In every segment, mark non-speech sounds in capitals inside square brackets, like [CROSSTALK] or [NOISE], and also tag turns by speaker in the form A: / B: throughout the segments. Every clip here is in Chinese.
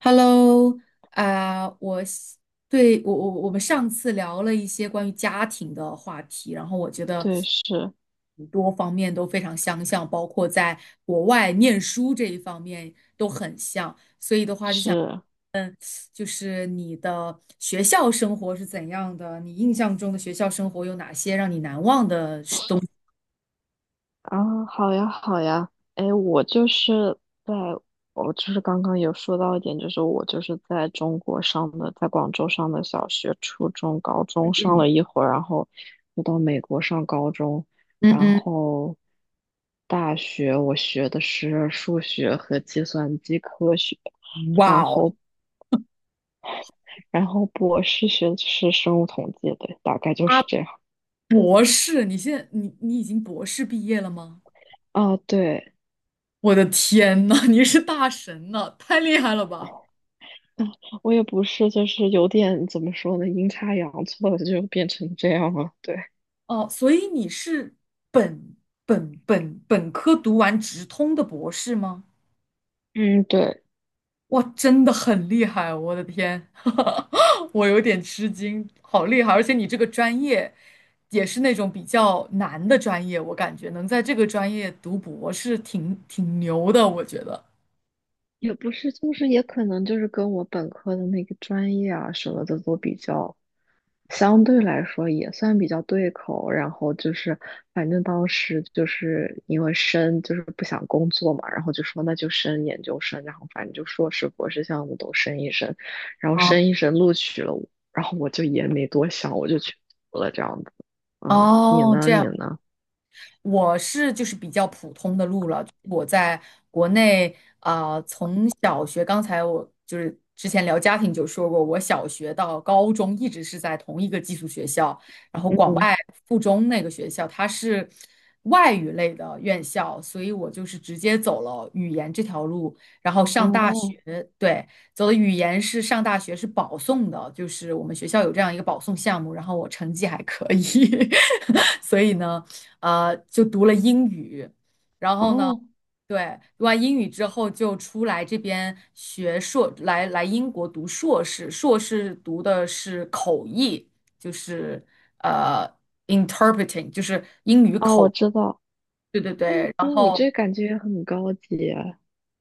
A: Hello，啊、我是对我们上次聊了一些关于家庭的话题，然后我觉得
B: 对，是
A: 很多方面都非常相像，包括在国外念书这一方面都很像。
B: 是
A: 就是你的学校生活是怎样的？你印象中的学校生活有哪些让你难忘的事东西？
B: 啊，好呀好呀，哎，我就是在，我就是刚刚有说到一点，就是我就是在中国上的，在广州上的小学、初中、高中上了一会儿，然后又到美国上高中，
A: 嗯
B: 然
A: 嗯。
B: 后大学我学的是数学和计算机科学，
A: 哇
B: 然
A: 哦。
B: 后然后博士学的是生物统计，对，大概就
A: 啊，
B: 是这样。
A: 博士，你现在你已经博士毕业了吗？
B: 啊，对。
A: 我的天呐，你是大神呐，太厉害了吧！
B: 啊，我也不是，就是有点怎么说呢，阴差阳错的就变成这样了。对，
A: 哦，所以你是本本科读完直通的博士吗？
B: 嗯，对，
A: 哇，真的很厉害啊，我的天，[LAUGHS] 我有点吃惊，好厉害！而且你这个专业也是那种比较难的专业，我感觉能在这个专业读博士挺牛的，我觉得。
B: 也不是，就是也可能就是跟我本科的那个专业啊什么的都比较，相对来说也算比较对口。然后就是，反正当时就是因为就是不想工作嘛，然后就说那就升研究生，然后反正就硕士、博士项目都升一升，然后
A: 哦。
B: 升一升录取了我，然后我就也没多想，我就去读了这样子。嗯，你
A: 哦，这
B: 呢？你
A: 样。
B: 呢？
A: 我是就是比较普通的路了，我在国内从小学，刚才我就是之前聊家庭就说过，我小学到高中一直是在同一个寄宿学校，然后广
B: 嗯，
A: 外附中那个学校它是外语类的院校，所以我就是直接走了语言这条路，然后上大
B: 哦
A: 学，对，走的语言是上大学是保送的，就是我们学校有这样一个保送项目，然后我成绩还可以，[LAUGHS] 所以呢。就读了英语，然后呢，
B: 哦
A: 对，读完英语之后就出来这边学硕，来英国读硕士，硕士读的是口译，就是呃 interpreting，就是英，
B: 哦，我知道。
A: 对对
B: 那
A: 对，然
B: 那你
A: 后。
B: 这感觉也很高级。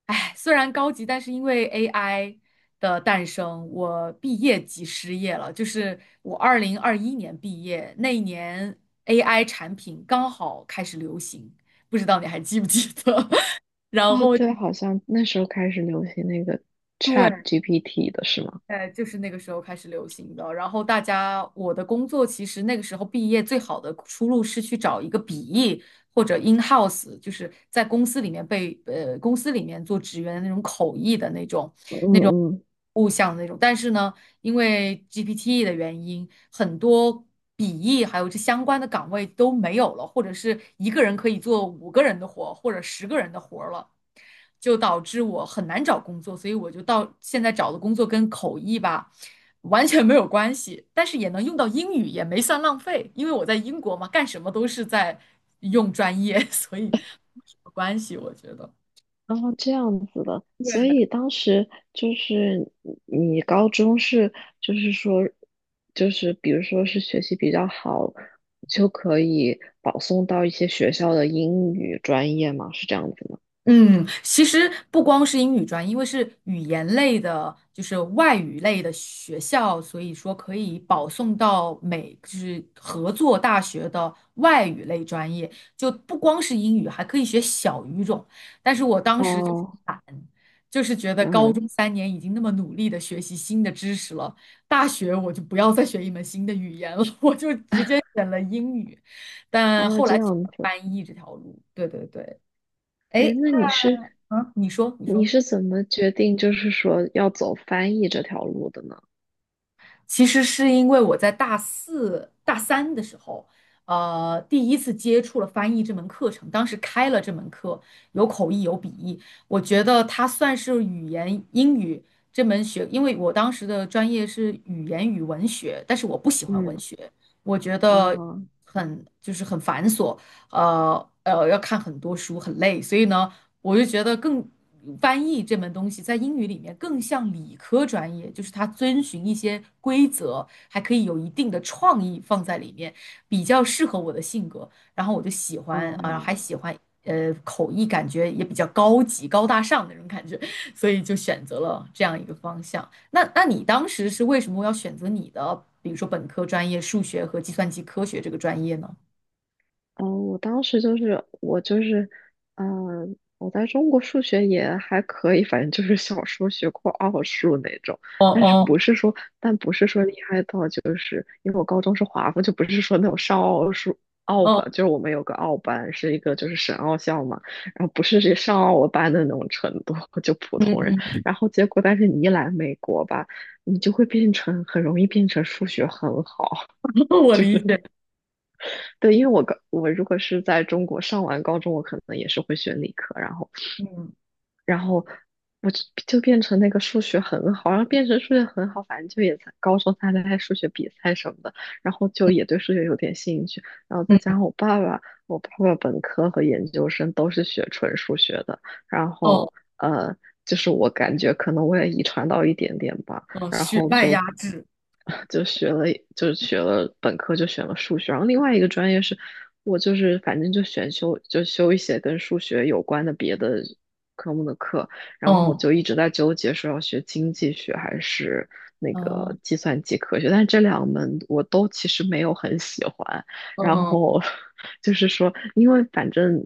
A: 哎，虽然高级，但是因为 AI 的诞生，我毕业即失业了。就是我2021年毕业那一年，AI 产品刚好开始流行，不知道你还记不记得？[LAUGHS] 然
B: 哦，
A: 后
B: 对，好像那时候开始流行那个 Chat
A: 对，
B: GPT 的是吗？
A: 哎，就是那个时候开始流行的。然后大家，我的工作其实那个时候毕业最好的出路是去找一个笔译或者 in house，就是在公司里面公司里面做职员的那种口译的那种。
B: 嗯嗯，
A: 物象的那种。但是呢，因为 GPT 的原因，很多笔译还有这相关的岗位都没有了，或者是一个人可以做5个人的活或者10个人的活了，就导致我很难找工作。所以我就到现在找的工作跟口译吧。完全没有关系，但是也能用到英语，也没算浪费，因为我在英国嘛，干什么都是在用专业，[LAUGHS] 所以没什么关系，我觉得。
B: 哦，这样子的，所
A: 对。
B: 以当时就是你高中是，就是说，就是比如说是学习比较好，就可以保送到一些学校的英语专业吗？是这样子吗？
A: 嗯，其实不光是英语专业，因为是语言类的，就是外语类的学校，所以说可以保送到美，就是合作大学的外语类专业，就不光是英语，还可以学小语种。但是我当时就是
B: 哦，
A: 懒，就是觉得高
B: 嗯，
A: 中3年已经那么努力的学习新的知识了，大学我就不要再学一门新的语言了，[LAUGHS] 我就直接选了英语，但
B: 哦，
A: 后
B: 这
A: 来选
B: 样
A: 了
B: 子，
A: 翻译这条路。对对对。哎，
B: 哎，
A: 诶，
B: 那你是
A: 啊，你说，你
B: 你
A: 说，
B: 是怎么决定就是说要走翻译这条路的呢？
A: 其实是因为我在大四、大三的时候，第一次接触了翻译这门课程，当时开了这门课，有口译，有笔译，我觉得它算是语言英语这门学，因为我当时的专业是语言与文学，但是我不喜欢文
B: 嗯，
A: 学，我觉得
B: 哦。
A: 很就是很繁琐，要看很多书，很累，所以呢。我就觉得更翻译这门东西在英语里面更像理科专业，就是它遵循一些规则，还可以有一定的创意放在里面，比较适合我的性格。然后我就喜欢啊，还
B: 嗯，
A: 喜欢口译，感觉也比较高级、高大上的那种感觉，所以就选择了这样一个方向。那你当时是为什么要选择你的，比如说本科专业数学和计算机科学这个专业呢？
B: 嗯，我当时就是我就是，嗯、我在中国数学也还可以，反正就是小时候学过奥数那种，
A: 哦
B: 但是
A: 哦
B: 不是说，但不是说厉害到就是，因为我高中是华附，就不是说那种上奥数奥
A: 哦，
B: 班，就是我们有个奥班，是一个就是省奥校嘛，然后不是上奥班的那种程度，就普
A: 嗯
B: 通人，
A: 嗯，
B: 然后结果但是你一来美国吧，你就会变成很容易变成数学很好。
A: [LAUGHS] 我理解，
B: 对，因为我高我如果是在中国上完高中，我可能也是会选理科，然后
A: 嗯。
B: 然后我就变成那个数学很好，然后变成数学很好，反正就也在高中参加数学比赛什么的，然后就也对数学有点兴趣，然后再
A: 嗯。
B: 加上我爸爸，我爸爸本科和研究生都是学纯数学的，然
A: 哦。
B: 后呃，就是我感觉可能我也遗传到一点点吧。
A: 嗯，
B: 然
A: 血
B: 后
A: 脉压
B: 就
A: 制，
B: 就学了，就学了本科就选了数学，然后另外一个专业是我就是反正就选修就修一些跟数学有关的别的科目的课，然后
A: 嗯，
B: 就一直在纠结说要学经济学还是那
A: 哦，
B: 个计算机科学，但是这两门我都其实没有很喜欢，然
A: 嗯
B: 后 [LAUGHS] 就是说，因为反正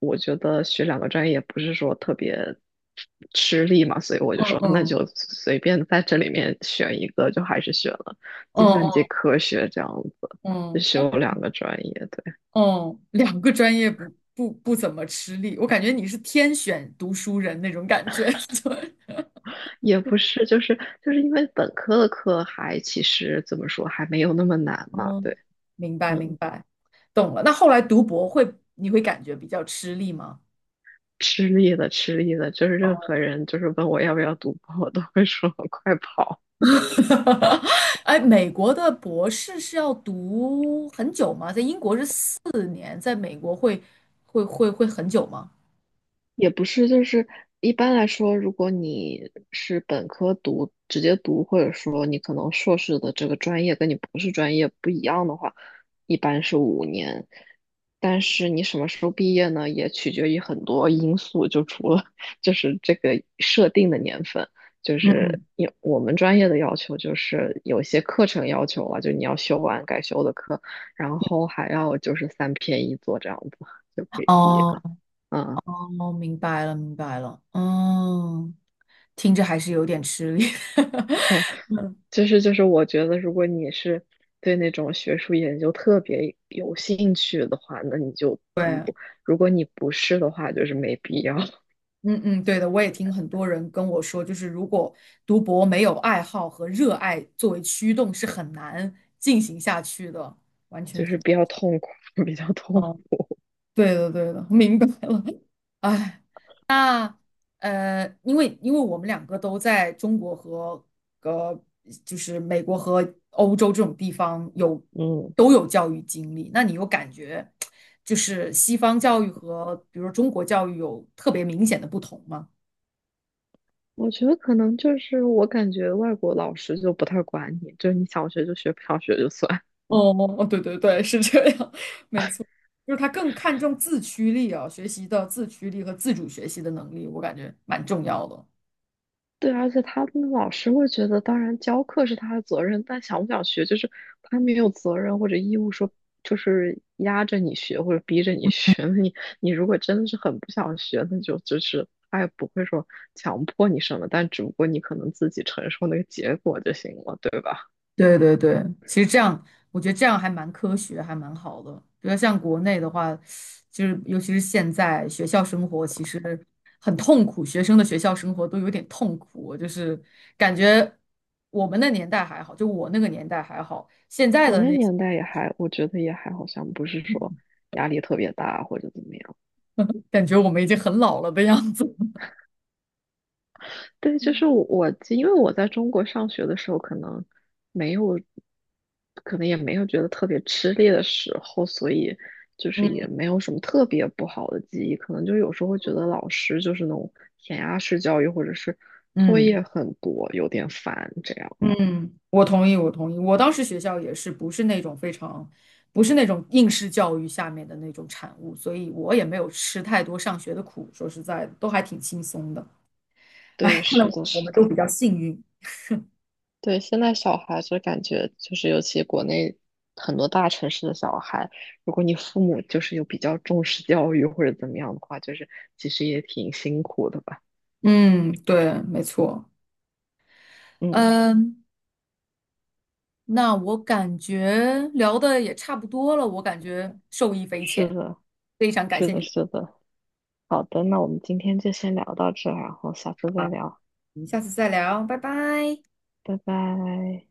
B: 我觉得学两个专业也不是说特别吃力嘛，所以我就
A: 嗯嗯
B: 说那
A: 嗯
B: 就随便在这里面选一个，就还是选了计算机
A: 嗯
B: 科学这样子，就
A: 嗯嗯，
B: 修两个专业。对，
A: 哦两个专业不怎么吃力，我感觉你是天选读书人那种感觉，[LAUGHS] 对，
B: 也不是，就是因为本科的课还其实怎么说还没有那么难嘛，
A: 嗯。
B: 对，
A: 明白明
B: 嗯。
A: 白，懂了。那后来读博会，你会感觉比较吃力吗？
B: 吃力的，吃力的，就是任何人就是问我要不要读博，我都会说 [LAUGHS] 快跑。
A: [LAUGHS] 哎，美国的博士是要读很久吗？在英国是4年，在美国会很久吗？
B: 也不是，就是一般来说，如果你是本科读，直接读，或者说你可能硕士的这个专业跟你博士专业不一样的话，一般是5年。但是你什么时候毕业呢，也取决于很多因素，就除了 [LAUGHS] 就是这个设定的年份，就
A: 嗯
B: 是
A: 嗯，
B: 有我们专业的要求，就是有些课程要求啊，就你要修完该修的课，然后还要就是3篇一作这样子就可以毕业
A: 哦，
B: 了。嗯。
A: 哦，明白了，明白了。嗯，听着还是有点吃力。[LAUGHS] 嗯，
B: 我觉得如果你是对那种学术研究特别有兴趣的话，那你就读；
A: 对，
B: 如果你不是的话，就是没必要，[LAUGHS]
A: 嗯嗯，对的，我也听很多人跟我说，就是如果读博没有爱好和热爱作为驱动，是很难进行下去的。完全
B: 就
A: 同
B: 是比
A: 意。
B: 较痛苦，[LAUGHS] 比较痛苦。
A: 对的，对的，[LAUGHS] 明白了。哎，那因为我们两个都在中国和呃，就是美国和欧洲这种地方有
B: 嗯，
A: 都有教育经历，那你有感觉就是西方教育和比如说中国教育有特别明显的不同吗？
B: 我觉得可能就是我感觉外国老师就不太管你，就是你想学就学，不想学就算。
A: 哦，哦，对对对，是这样，[LAUGHS] 没错，就是他更看重自驱力啊，学习的自驱力和自主学习的能力，我感觉蛮重要的。
B: 对，而且他们老师会觉得，当然教课是他的责任，但想不想学，就是他没有责任或者义务说，就是压着你学或者逼着你学。[LAUGHS] 你如果真的是很不想学，那就就是他也不会说强迫你什么，但只不过你可能自己承受那个结果就行了，对吧？
A: 对对对，其实这样，我觉得这样还蛮科学，还蛮好的。比如像国内的话，就是尤其是现在学校生活其实很痛苦，学生的学校生活都有点痛苦。就是感觉我们那年代还好，就我那个年代还好，现在
B: 我
A: 的
B: 那
A: 那些
B: 年代也还，我觉得也还好像不是说
A: [LAUGHS]
B: 压力特别大或者怎么样。
A: 感觉我们已经很老了的样子。
B: 对，
A: [LAUGHS]
B: 我因为我在中国上学的时候，可能没有，可能也没有觉得特别吃力的时候，所以就是也
A: 嗯
B: 没有什么特别不好的记忆。可能就有时候会觉得老师就是那种填鸭式教育，或者是作
A: 嗯。
B: 业很多，有点烦这样。
A: 嗯，我同意，我同意。我当时学校也是不是那种非常，不是那种应试教育下面的那种产物，所以我也没有吃太多上学的苦。说实在的，都还挺轻松的。哎，
B: 对，
A: 看来
B: 是的，
A: 我
B: 是
A: 们都
B: 的，
A: 比较幸运。
B: 对。现在小孩就感觉就是，尤其国内很多大城市的小孩，如果你父母就是有比较重视教育或者怎么样的话，就是其实也挺辛苦的吧。
A: 嗯，对，没错。
B: 嗯，
A: 嗯，那我感觉聊的也差不多了，我感觉受益匪
B: 是
A: 浅，
B: 的，
A: 非常感
B: 是
A: 谢
B: 的，
A: 你的
B: 是的。好的，那我们今天就先聊到这儿然后下次再
A: 啊，
B: 聊，
A: 我们下次再聊，拜拜。
B: 拜拜。